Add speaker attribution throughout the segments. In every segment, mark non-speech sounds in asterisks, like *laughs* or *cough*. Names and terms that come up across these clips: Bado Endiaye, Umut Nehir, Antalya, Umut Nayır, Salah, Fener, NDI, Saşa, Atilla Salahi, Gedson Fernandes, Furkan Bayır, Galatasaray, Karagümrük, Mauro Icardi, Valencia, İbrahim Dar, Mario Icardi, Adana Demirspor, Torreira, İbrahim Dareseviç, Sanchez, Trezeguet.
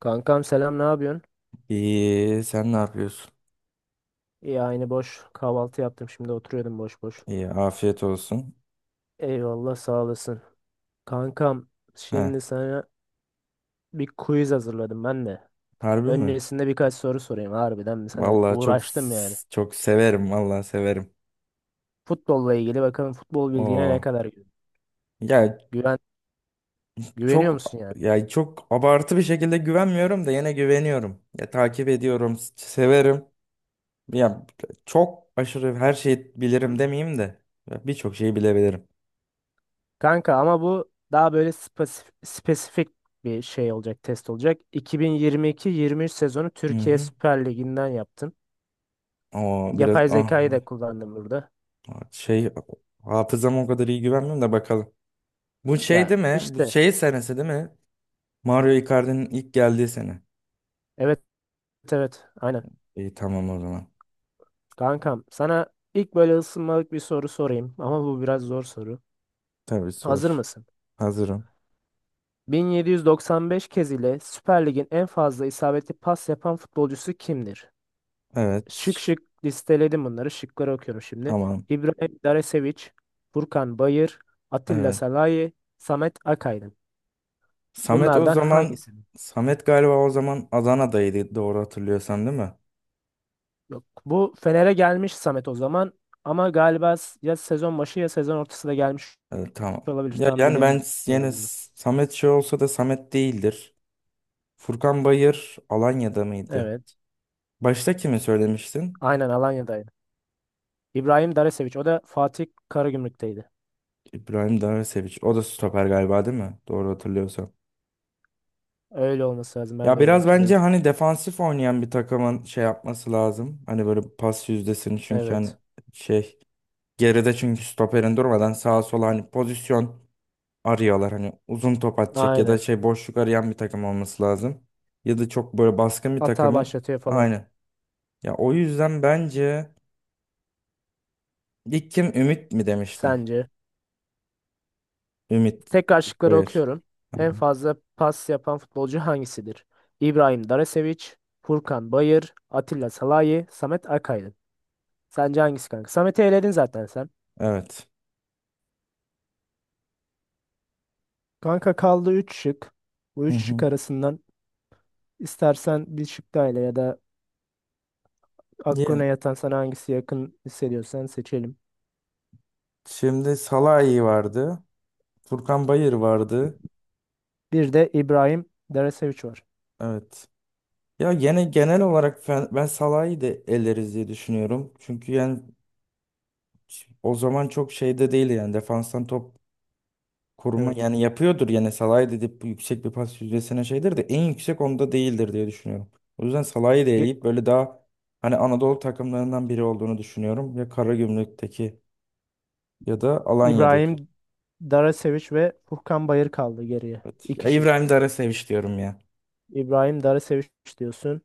Speaker 1: Kankam selam, ne yapıyorsun?
Speaker 2: İyi, sen ne yapıyorsun?
Speaker 1: İyi, aynı, boş. Kahvaltı yaptım, şimdi oturuyordum boş boş.
Speaker 2: İyi, afiyet olsun.
Speaker 1: Eyvallah, sağ olasın. Kankam,
Speaker 2: Ha,
Speaker 1: şimdi sana bir quiz hazırladım ben de.
Speaker 2: harbi mi?
Speaker 1: Öncesinde birkaç soru sorayım, harbiden mi sana
Speaker 2: Vallahi çok
Speaker 1: uğraştım yani.
Speaker 2: çok severim, vallahi severim.
Speaker 1: Futbolla ilgili, bakalım futbol bilgine ne
Speaker 2: Oo.
Speaker 1: kadar
Speaker 2: Ya
Speaker 1: güven güveniyor musun
Speaker 2: çok
Speaker 1: yani?
Speaker 2: ya çok abartı bir şekilde güvenmiyorum da yine güveniyorum. Ya takip ediyorum, severim. Ya çok aşırı her şeyi
Speaker 1: Hı
Speaker 2: bilirim
Speaker 1: hı.
Speaker 2: demeyeyim de ya, birçok şeyi bilebilirim.
Speaker 1: Kanka ama bu daha böyle spesifik bir şey olacak, test olacak. 2022-23 sezonu
Speaker 2: Hı
Speaker 1: Türkiye
Speaker 2: hı.
Speaker 1: Süper Ligi'nden yaptım.
Speaker 2: Oo, biraz
Speaker 1: Yapay zekayı da kullandım burada.
Speaker 2: şey hafızama o kadar iyi güvenmiyorum da bakalım. Bu şey
Speaker 1: Ya
Speaker 2: değil mi? Bu
Speaker 1: işte,
Speaker 2: şey senesi değil mi? Mario Icardi'nin ilk geldiği sene.
Speaker 1: Evet evet aynen.
Speaker 2: İyi tamam o zaman.
Speaker 1: Kankam, sana ilk böyle ısınmalık bir soru sorayım ama bu biraz zor soru.
Speaker 2: Tabii
Speaker 1: Hazır
Speaker 2: sor.
Speaker 1: mısın?
Speaker 2: Hazırım.
Speaker 1: 1795 kez ile Süper Lig'in en fazla isabetli pas yapan futbolcusu kimdir?
Speaker 2: Evet.
Speaker 1: Şık listeledim bunları. Şıkları okuyorum şimdi.
Speaker 2: Tamam.
Speaker 1: İbrahim Daresevic, Furkan Bayır, Atilla
Speaker 2: Evet.
Speaker 1: Salahi, Samet Akaydın.
Speaker 2: Samet o
Speaker 1: Bunlardan
Speaker 2: zaman
Speaker 1: hangisi?
Speaker 2: Samet galiba o zaman Adana'daydı doğru hatırlıyorsan değil mi?
Speaker 1: Yok. Bu Fener'e gelmiş Samet o zaman, ama galiba ya sezon başı ya sezon ortasında gelmiş
Speaker 2: Evet tamam.
Speaker 1: olabilir.
Speaker 2: Ya
Speaker 1: Tam
Speaker 2: yani ben yine
Speaker 1: bilemiyorum.
Speaker 2: Samet şey olsa da Samet değildir. Furkan Bayır Alanya'da mıydı?
Speaker 1: Evet.
Speaker 2: Başta kimi söylemiştin?
Speaker 1: Aynen, Alanya'daydı. İbrahim Dareseviç. O da Fatih Karagümrük'teydi.
Speaker 2: İbrahim Seviç. O da stoper galiba değil mi? Doğru hatırlıyorsam.
Speaker 1: Öyle olması lazım. Ben
Speaker 2: Ya
Speaker 1: de öyle
Speaker 2: biraz bence
Speaker 1: hatırlıyorum.
Speaker 2: hani defansif oynayan bir takımın şey yapması lazım. Hani böyle pas yüzdesini çünkü hani
Speaker 1: Evet.
Speaker 2: şey geride çünkü stoperin durmadan sağa sola hani pozisyon arıyorlar. Hani uzun top atacak ya da
Speaker 1: Aynen.
Speaker 2: şey boşluk arayan bir takım olması lazım. Ya da çok böyle baskın bir
Speaker 1: Hata
Speaker 2: takımın.
Speaker 1: başlatıyor falan.
Speaker 2: Aynen. Ya o yüzden bence ilk kim Ümit mi demiştin?
Speaker 1: Sence?
Speaker 2: Ümit.
Speaker 1: Tekrar şıkları
Speaker 2: Hayır.
Speaker 1: okuyorum. En fazla pas yapan futbolcu hangisidir? İbrahim Dareseviç, Furkan Bayır, Atilla Salahi, Samet Akaydın. Sence hangisi kanka? Samet'i eledin zaten sen.
Speaker 2: Evet.
Speaker 1: Kanka, kaldı 3 şık. Bu
Speaker 2: Hı
Speaker 1: üç şık
Speaker 2: hı.
Speaker 1: arasından istersen bir şık daha ele, ya da
Speaker 2: Ya,
Speaker 1: aklına yatan, sana hangisi yakın hissediyorsan seçelim.
Speaker 2: şimdi Salah iyi vardı. Furkan Bayır vardı.
Speaker 1: Bir de İbrahim Dereseviç var.
Speaker 2: Evet. Ya gene genel olarak ben Salah'ı da eleriz diye düşünüyorum. Çünkü yani o zaman çok şeyde değil yani defanstan top koruma
Speaker 1: Evet.
Speaker 2: yani yapıyordur yani Salah'ı dedip yüksek bir pas yüzdesine şeydir de en yüksek onda değildir diye düşünüyorum. O yüzden Salah'ı da
Speaker 1: Ge-
Speaker 2: eleyip böyle daha hani Anadolu takımlarından biri olduğunu düşünüyorum. Ya Karagümrük'teki ya da Alanya'daki.
Speaker 1: İbrahim Daraseviç ve Furkan Bayır kaldı geriye.
Speaker 2: Evet. Ya
Speaker 1: İki şık.
Speaker 2: İbrahim Dar'a seviş diyorum ya.
Speaker 1: İbrahim Daraseviç diyorsun.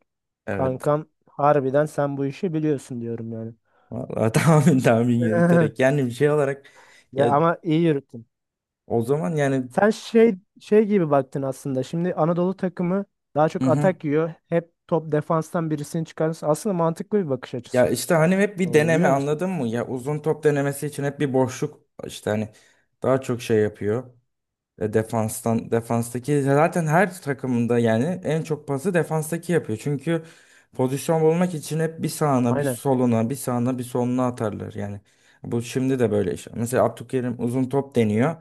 Speaker 2: Evet.
Speaker 1: Kankam harbiden sen bu işi biliyorsun diyorum yani.
Speaker 2: Vallahi *laughs* tahmin tahmin yürüterek
Speaker 1: *laughs*
Speaker 2: yani bir şey olarak
Speaker 1: Ya
Speaker 2: ya
Speaker 1: ama iyi yürüttün.
Speaker 2: o zaman yani.
Speaker 1: Sen şey gibi baktın aslında. Şimdi Anadolu takımı daha çok atak yiyor. Hep top, defanstan birisini çıkarırsın. Aslında mantıklı bir bakış
Speaker 2: Ya
Speaker 1: açısı
Speaker 2: işte hani hep bir
Speaker 1: oldu,
Speaker 2: deneme
Speaker 1: biliyor musun?
Speaker 2: anladın mı? Ya uzun top denemesi için hep bir boşluk işte hani daha çok şey yapıyor. E, defanstaki zaten her takımında yani en çok pası defanstaki yapıyor. Çünkü pozisyon bulmak için hep bir sağına, bir
Speaker 1: Aynen.
Speaker 2: soluna, bir sağına, bir soluna atarlar. Yani bu şimdi de böyle iş. Mesela Abdülkerim uzun top deniyor.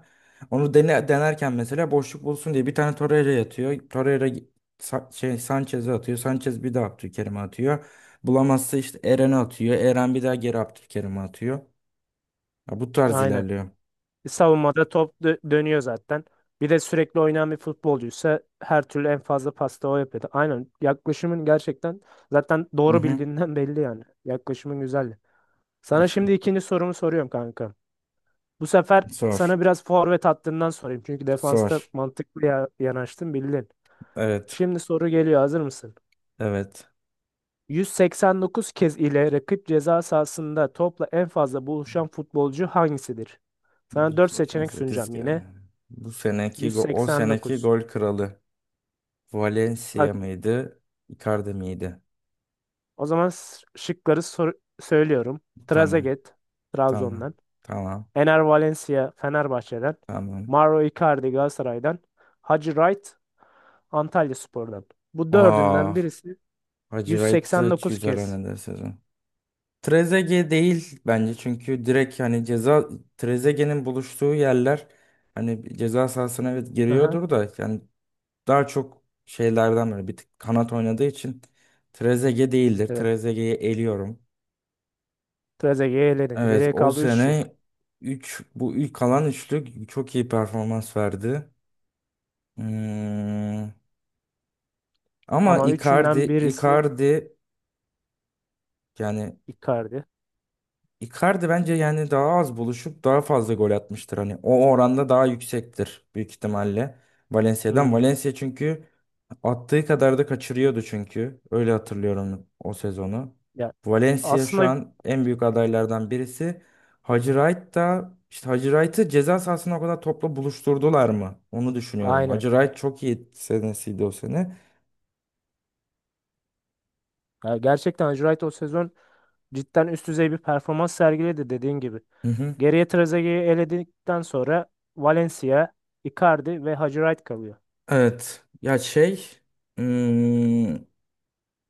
Speaker 2: Onu dene, denerken mesela boşluk bulsun diye bir tane Torreira yatıyor. Torreira Sanchez'e atıyor. Sanchez bir daha Abdülkerim'e atıyor. Bulamazsa işte Eren'e atıyor. Eren bir daha geri Abdülkerim'e atıyor. Ya bu tarz
Speaker 1: Aynen.
Speaker 2: ilerliyor.
Speaker 1: E, savunmada top dönüyor zaten. Bir de sürekli oynayan bir futbolcuysa her türlü en fazla pasta o yapıyordu. Aynen. Yaklaşımın gerçekten zaten
Speaker 2: Hı
Speaker 1: doğru
Speaker 2: hı.
Speaker 1: bildiğinden *laughs* belli yani. Yaklaşımın güzeldi. Sana
Speaker 2: İşte.
Speaker 1: şimdi ikinci sorumu soruyorum kanka. Bu sefer
Speaker 2: Sor.
Speaker 1: sana biraz forvet hattından sorayım. Çünkü
Speaker 2: Sor.
Speaker 1: defansta mantıklı ya, yanaştın, bildin.
Speaker 2: Evet.
Speaker 1: Şimdi soru geliyor. Hazır mısın?
Speaker 2: Evet.
Speaker 1: 189 kez ile rakip ceza sahasında topla en fazla buluşan futbolcu hangisidir? Sana 4 seçenek
Speaker 2: 88
Speaker 1: sunacağım
Speaker 2: yani.
Speaker 1: yine.
Speaker 2: Bu seneki o seneki
Speaker 1: 189.
Speaker 2: gol kralı
Speaker 1: Bak,
Speaker 2: Valencia mıydı? Icardi miydi?
Speaker 1: o zaman söylüyorum.
Speaker 2: Tamam.
Speaker 1: Trezeguet
Speaker 2: Tamam.
Speaker 1: Trabzon'dan.
Speaker 2: Tamam.
Speaker 1: Ener Valencia Fenerbahçe'den.
Speaker 2: Tamam.
Speaker 1: Mauro Icardi Galatasaray'dan. Hacı Wright Antalyaspor'dan. Bu
Speaker 2: Aa,
Speaker 1: dördünden birisi
Speaker 2: Hacı Wright da
Speaker 1: 189
Speaker 2: güzel
Speaker 1: kez.
Speaker 2: oynadı sezon. Trezeguet değil bence çünkü direkt hani ceza, Trezeguet'in buluştuğu yerler hani ceza sahasına evet
Speaker 1: Aha,
Speaker 2: giriyordur da yani daha çok şeylerden böyle bir tık kanat oynadığı için Trezeguet değildir.
Speaker 1: evet.
Speaker 2: Trezeguet'i eliyorum.
Speaker 1: Trezeguet'i eledin.
Speaker 2: Evet
Speaker 1: Geriye
Speaker 2: o
Speaker 1: kaldı 3 şık.
Speaker 2: sene bu ilk kalan üçlük çok iyi performans verdi. Hmm, ama
Speaker 1: Ama
Speaker 2: Icardi
Speaker 1: üçünden birisi
Speaker 2: Icardi yani
Speaker 1: Icardi.
Speaker 2: Icardi bence yani daha az buluşup daha fazla gol atmıştır hani o oranda daha yüksektir büyük ihtimalle Valencia'dan.
Speaker 1: Hmm.
Speaker 2: Valencia çünkü attığı kadar da kaçırıyordu çünkü. Öyle hatırlıyorum o sezonu.
Speaker 1: Ya
Speaker 2: Valencia şu
Speaker 1: aslında
Speaker 2: an en büyük adaylardan birisi. Hacı Wright da işte Hacı Wright'ı ceza sahasına o kadar topla buluşturdular mı? Onu düşünüyorum.
Speaker 1: aynen.
Speaker 2: Hacı Wright çok iyi senesiydi o sene.
Speaker 1: Ya gerçekten Albright o sezon cidden üst düzey bir performans sergiledi dediğin gibi.
Speaker 2: Hı hı.
Speaker 1: Geriye Trezeguet'i eledikten sonra Valencia, Icardi ve Albright kalıyor.
Speaker 2: Evet. Ya şey, hmm,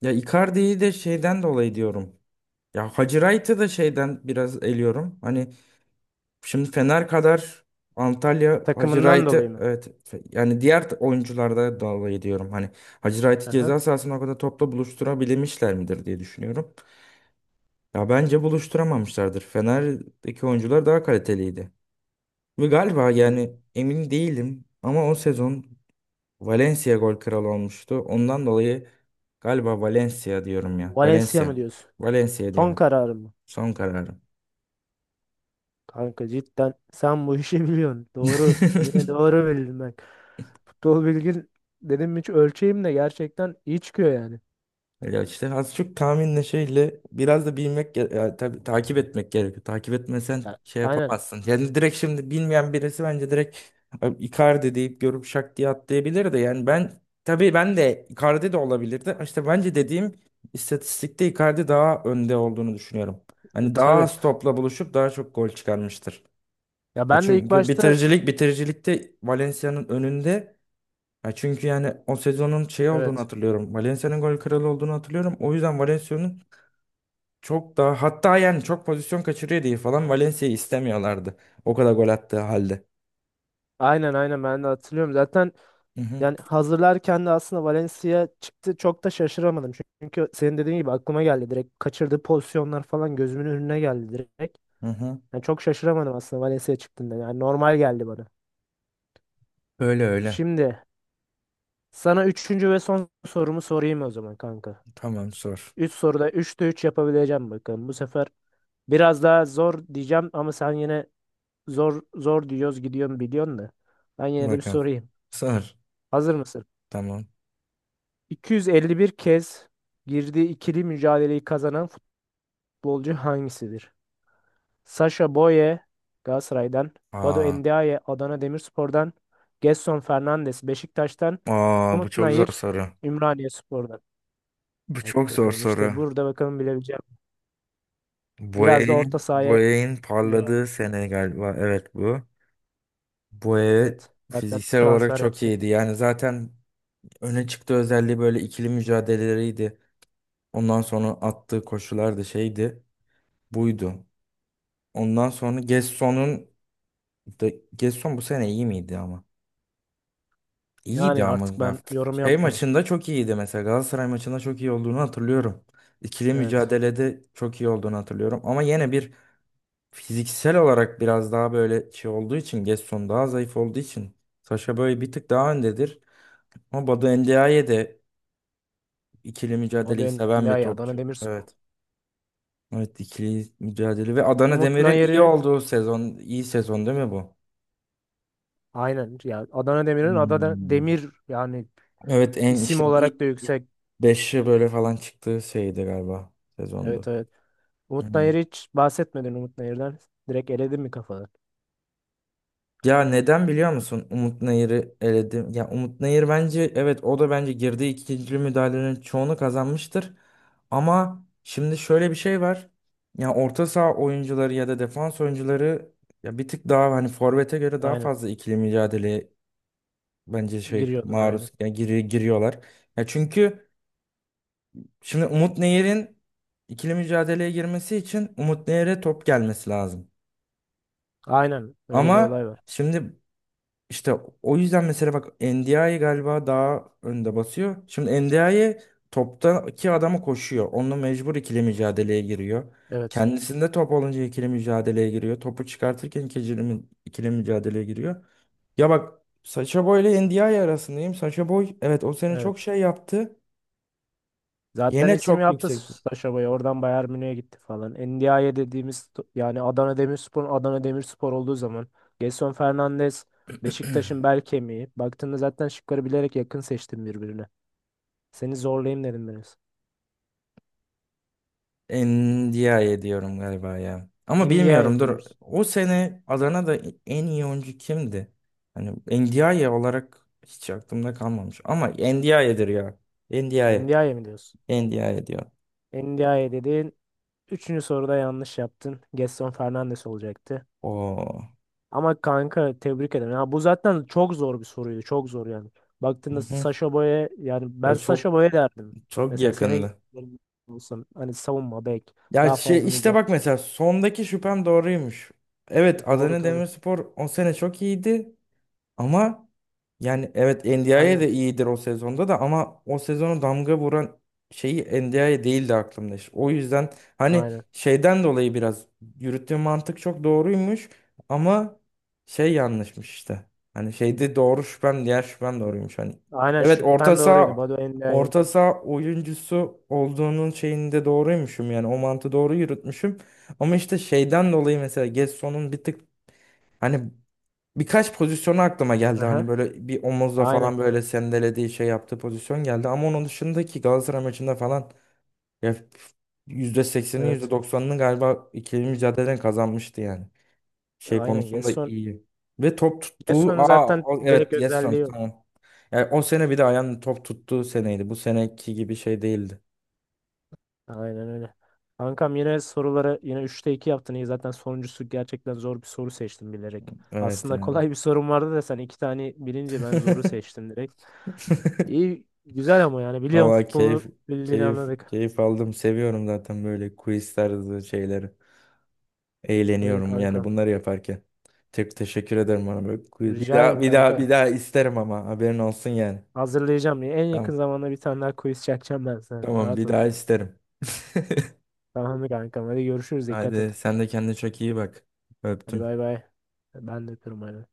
Speaker 2: ya Icardi'yi de şeyden dolayı diyorum. Ya Hacı Wright'ı da şeyden biraz eliyorum. Hani şimdi Fener kadar Antalya Hacı
Speaker 1: Takımından dolayı
Speaker 2: Wright'ı
Speaker 1: mı?
Speaker 2: evet yani diğer oyuncularda dalga ediyorum. Hani Hacı Wright'ı
Speaker 1: Aha.
Speaker 2: ceza sahasına o kadar topla buluşturabilmişler midir diye düşünüyorum. Ya bence buluşturamamışlardır. Fener'deki oyuncular daha kaliteliydi. Ve galiba
Speaker 1: Ee,
Speaker 2: yani emin değilim ama o sezon Valencia gol kralı olmuştu. Ondan dolayı galiba Valencia diyorum ya.
Speaker 1: Valencia
Speaker 2: Valencia.
Speaker 1: mı diyorsun?
Speaker 2: Valencia
Speaker 1: Son
Speaker 2: diyorum.
Speaker 1: kararı mı?
Speaker 2: Son kararım.
Speaker 1: Kanka cidden sen bu işi biliyorsun. Doğru. Yine
Speaker 2: *laughs*
Speaker 1: doğru bildin bak. Futbol bilgin, dedim hiç ölçeyim de gerçekten iyi çıkıyor yani.
Speaker 2: Ya işte az çok tahminle şeyle biraz da bilmek ya tabii takip etmek gerekiyor. Takip etmesen
Speaker 1: Ya,
Speaker 2: şey
Speaker 1: aynen.
Speaker 2: yapamazsın. Yani direkt şimdi bilmeyen birisi bence direkt "Abi Icardi" deyip görüp şak diye atlayabilir de yani ben tabii, ben de Icardi de olabilirdi. İşte bence dediğim istatistikte Icardi daha önde olduğunu düşünüyorum.
Speaker 1: E,
Speaker 2: Hani daha
Speaker 1: tabii.
Speaker 2: az topla buluşup daha çok gol çıkarmıştır.
Speaker 1: Ya
Speaker 2: Ya
Speaker 1: ben de ilk
Speaker 2: çünkü
Speaker 1: başta,
Speaker 2: bitiricilikte Valencia'nın önünde, ya çünkü yani o sezonun şey olduğunu
Speaker 1: evet.
Speaker 2: hatırlıyorum. Valencia'nın gol kralı olduğunu hatırlıyorum. O yüzden Valencia'nın çok daha, hatta yani çok pozisyon kaçırıyor diye falan Valencia'yı istemiyorlardı. O kadar gol attığı halde.
Speaker 1: Aynen ben de hatırlıyorum. Zaten
Speaker 2: Hı hı
Speaker 1: yani hazırlarken de aslında Valencia çıktı. Çok da şaşıramadım. Çünkü senin dediğin gibi aklıma geldi direkt. Kaçırdığı pozisyonlar falan gözümün önüne geldi direkt.
Speaker 2: hı. Hı.
Speaker 1: Yani çok şaşıramadım aslında Valencia çıktığında. Yani normal geldi bana.
Speaker 2: Öyle öyle.
Speaker 1: Şimdi sana üçüncü ve son sorumu sorayım o zaman kanka.
Speaker 2: Tamam sor.
Speaker 1: Üç soruda üçte üç yapabileceğim bakalım. Bu sefer biraz daha zor diyeceğim ama sen yine zor diyoruz gidiyorum biliyorsun da. Ben yine de bir
Speaker 2: Bakalım.
Speaker 1: sorayım.
Speaker 2: Sor.
Speaker 1: Hazır mısın?
Speaker 2: Tamam.
Speaker 1: 251 kez girdiği ikili mücadeleyi kazanan futbolcu hangisidir? Sasha Boye Galatasaray'dan, Bado
Speaker 2: Aa,
Speaker 1: Endiaye Adana Demirspor'dan, Gedson Fernandes Beşiktaş'tan,
Speaker 2: aa bu
Speaker 1: Umut
Speaker 2: çok zor
Speaker 1: Nayır
Speaker 2: soru.
Speaker 1: Ümraniyespor'dan.
Speaker 2: Bu
Speaker 1: Bak
Speaker 2: çok zor
Speaker 1: bakalım, işte
Speaker 2: soru.
Speaker 1: burada bakalım bilebileceğim. Biraz da orta
Speaker 2: Boya'nın
Speaker 1: sahaya
Speaker 2: Boya'nın
Speaker 1: göre, abi.
Speaker 2: parladığı sene galiba. Evet bu. Boya
Speaker 1: Evet. Zaten
Speaker 2: fiziksel olarak
Speaker 1: transfer
Speaker 2: çok
Speaker 1: yaptı.
Speaker 2: iyiydi. Yani zaten öne çıktığı özelliği böyle ikili mücadeleleriydi. Ondan sonra attığı koşular da şeydi. Buydu. Ondan sonra Gesson'un da Gesson bu sene iyi miydi ama? İyiydi
Speaker 1: Yani
Speaker 2: ama
Speaker 1: artık ben yorum
Speaker 2: Şey
Speaker 1: yapmayayım.
Speaker 2: maçında çok iyiydi, mesela Galatasaray maçında çok iyi olduğunu hatırlıyorum. İkili
Speaker 1: Evet.
Speaker 2: mücadelede çok iyi olduğunu hatırlıyorum ama yine bir fiziksel olarak biraz daha böyle şey olduğu için, Gesson daha zayıf olduğu için Saşa böyle bir tık daha öndedir. Ama Badu Endiaye de ikili
Speaker 1: Bado
Speaker 2: mücadeleyi seven bir
Speaker 1: Endiaye, Adana
Speaker 2: topçu.
Speaker 1: Demirspor.
Speaker 2: Evet. Evet ikili mücadele ve Adana
Speaker 1: Umut
Speaker 2: Demir'in iyi
Speaker 1: Nayır'ı.
Speaker 2: olduğu sezon, iyi sezon değil mi bu?
Speaker 1: Aynen ya, Adana Demir'in, Adana
Speaker 2: Hmm.
Speaker 1: Demir yani
Speaker 2: Evet en
Speaker 1: isim
Speaker 2: işte ilk,
Speaker 1: olarak da
Speaker 2: ilk
Speaker 1: yüksek.
Speaker 2: beşi böyle falan çıktığı şeydi galiba
Speaker 1: Evet,
Speaker 2: sezondu.
Speaker 1: evet. Umut
Speaker 2: Hı.
Speaker 1: Nayır'ı hiç bahsetmedin, Umut Nayır'dan. Direkt eledin mi kafadan?
Speaker 2: Ya neden biliyor musun? Umut Nayır'ı eledim. Ya Umut Nayır bence evet o da bence girdiği ikinci müdahalenin çoğunu kazanmıştır. Ama şimdi şöyle bir şey var. Ya orta saha oyuncuları ya da defans oyuncuları ya bir tık daha hani forvete göre daha
Speaker 1: Aynen.
Speaker 2: fazla ikili mücadele bence şey
Speaker 1: Giriyordur, aynen.
Speaker 2: maruz yani giriyorlar. Ya çünkü şimdi Umut Nehir'in ikili mücadeleye girmesi için Umut Nehir'e top gelmesi lazım.
Speaker 1: Aynen öyle bir
Speaker 2: Ama
Speaker 1: olay var.
Speaker 2: şimdi işte o yüzden mesela bak NDI galiba daha önde basıyor. Şimdi NDI toptaki adama koşuyor. Onunla mecbur ikili mücadeleye giriyor.
Speaker 1: Evet.
Speaker 2: Kendisinde top olunca ikili mücadeleye giriyor. Topu çıkartırken ikili mücadeleye giriyor. Ya bak Sacha Boy ile NDI arasındayım. Sacha Boy evet o sene çok
Speaker 1: Evet.
Speaker 2: şey yaptı.
Speaker 1: Zaten
Speaker 2: Yine
Speaker 1: isim
Speaker 2: çok
Speaker 1: yaptı
Speaker 2: yüksektir.
Speaker 1: Saşa Boy. Oradan Bayern Münih'e gitti falan. NDI'ye dediğimiz, yani Adana Demirspor, olduğu zaman Gelson Fernandes Beşiktaş'ın bel kemiği. Baktığında zaten şıkları bilerek yakın seçtim birbirine. Seni zorlayayım dedim biraz.
Speaker 2: Endiaye diyorum galiba ya. Ama
Speaker 1: NDI'ye
Speaker 2: bilmiyorum
Speaker 1: mi
Speaker 2: dur.
Speaker 1: diyoruz?
Speaker 2: O sene Adana'da en iyi oyuncu kimdi? Hani Endiaye olarak hiç aklımda kalmamış. Ama Endiaye'dir ya. Endiaye.
Speaker 1: NDI'ye mi diyorsun?
Speaker 2: Endiaye diyor.
Speaker 1: NDI'ye dedin. Üçüncü soruda yanlış yaptın. Gedson Fernandes olacaktı.
Speaker 2: Oo.
Speaker 1: Ama kanka tebrik ederim. Ya bu zaten çok zor bir soruydu. Çok zor yani.
Speaker 2: Hı
Speaker 1: Baktığında
Speaker 2: hı.
Speaker 1: Sasha Boy'a, yani
Speaker 2: Ya
Speaker 1: ben Sasha
Speaker 2: çok
Speaker 1: Boy'a derdim.
Speaker 2: çok
Speaker 1: Mesela seni
Speaker 2: yakındı.
Speaker 1: olsam hani savunma bek,
Speaker 2: Ya
Speaker 1: daha fazla
Speaker 2: şey işte
Speaker 1: mücadele.
Speaker 2: bak mesela sondaki şüphem doğruymuş. Evet
Speaker 1: Doğru
Speaker 2: Adana
Speaker 1: tabii.
Speaker 2: Demirspor o sene çok iyiydi. Ama yani evet NDI'ye
Speaker 1: Aynen.
Speaker 2: de iyidir o sezonda da, ama o sezonu damga vuran şeyi NDI'ye değildi aklımda işte. O yüzden hani
Speaker 1: Aynen.
Speaker 2: şeyden dolayı biraz yürüttüğüm mantık çok doğruymuş ama şey yanlışmış işte. Hani şeyde doğru şüphem, diğer şüphem doğruymuş hani.
Speaker 1: Aynen
Speaker 2: Evet orta
Speaker 1: şüphen doğruydu.
Speaker 2: saha
Speaker 1: Badu NDI'ye.
Speaker 2: orta saha oyuncusu olduğunun şeyinde doğruymuşum, yani o mantığı doğru yürütmüşüm. Ama işte şeyden dolayı mesela Gesson'un bir tık hani birkaç pozisyonu aklıma geldi,
Speaker 1: Aha.
Speaker 2: hani böyle bir omuzla
Speaker 1: Aynen.
Speaker 2: falan böyle sendelediği şey yaptığı pozisyon geldi. Ama onun dışındaki Galatasaray maçında falan ya yüzde
Speaker 1: Evet.
Speaker 2: %90'ını galiba ikili mücadeleden kazanmıştı yani. Şey
Speaker 1: Aynen.
Speaker 2: konusunda
Speaker 1: Gerson.
Speaker 2: iyi. Ve top tuttuğu,
Speaker 1: Gedson'un zaten direkt
Speaker 2: evet Gerson
Speaker 1: özelliği yok.
Speaker 2: tamam. Yani o sene bir de ayağın top tuttuğu seneydi. Bu seneki gibi şey değildi.
Speaker 1: Aynen öyle. Kankam yine soruları yine üçte 2 yaptın. İyi, zaten sonuncusu gerçekten zor bir soru seçtim bilerek.
Speaker 2: Evet
Speaker 1: Aslında
Speaker 2: yani.
Speaker 1: kolay bir sorum vardı da sen iki tane bilince ben zoru
Speaker 2: *laughs*
Speaker 1: seçtim direkt. İyi güzel, ama yani biliyorum,
Speaker 2: Vallahi keyif
Speaker 1: futbolu bildiğini
Speaker 2: keyif
Speaker 1: anladık.
Speaker 2: keyif aldım. Seviyorum zaten böyle quiz tarzı şeyleri.
Speaker 1: Öyle
Speaker 2: Eğleniyorum yani
Speaker 1: kankam.
Speaker 2: bunları yaparken. Çok teşekkür ederim bana böyle. Bir
Speaker 1: Rica
Speaker 2: daha
Speaker 1: ederim
Speaker 2: bir daha bir
Speaker 1: kanka.
Speaker 2: daha isterim ama haberin olsun yani.
Speaker 1: Hazırlayacağım. En yakın
Speaker 2: Tamam.
Speaker 1: zamanda bir tane daha quiz çekeceğim ben sana.
Speaker 2: Tamam
Speaker 1: Rahat
Speaker 2: bir
Speaker 1: ol.
Speaker 2: daha isterim.
Speaker 1: Tamam mı kankam? Hadi görüşürüz. Dikkat
Speaker 2: Hadi
Speaker 1: et.
Speaker 2: sen de kendine çok iyi bak.
Speaker 1: Hadi
Speaker 2: Öptüm.
Speaker 1: bay bay. Ben de öpüyorum. Bay bay.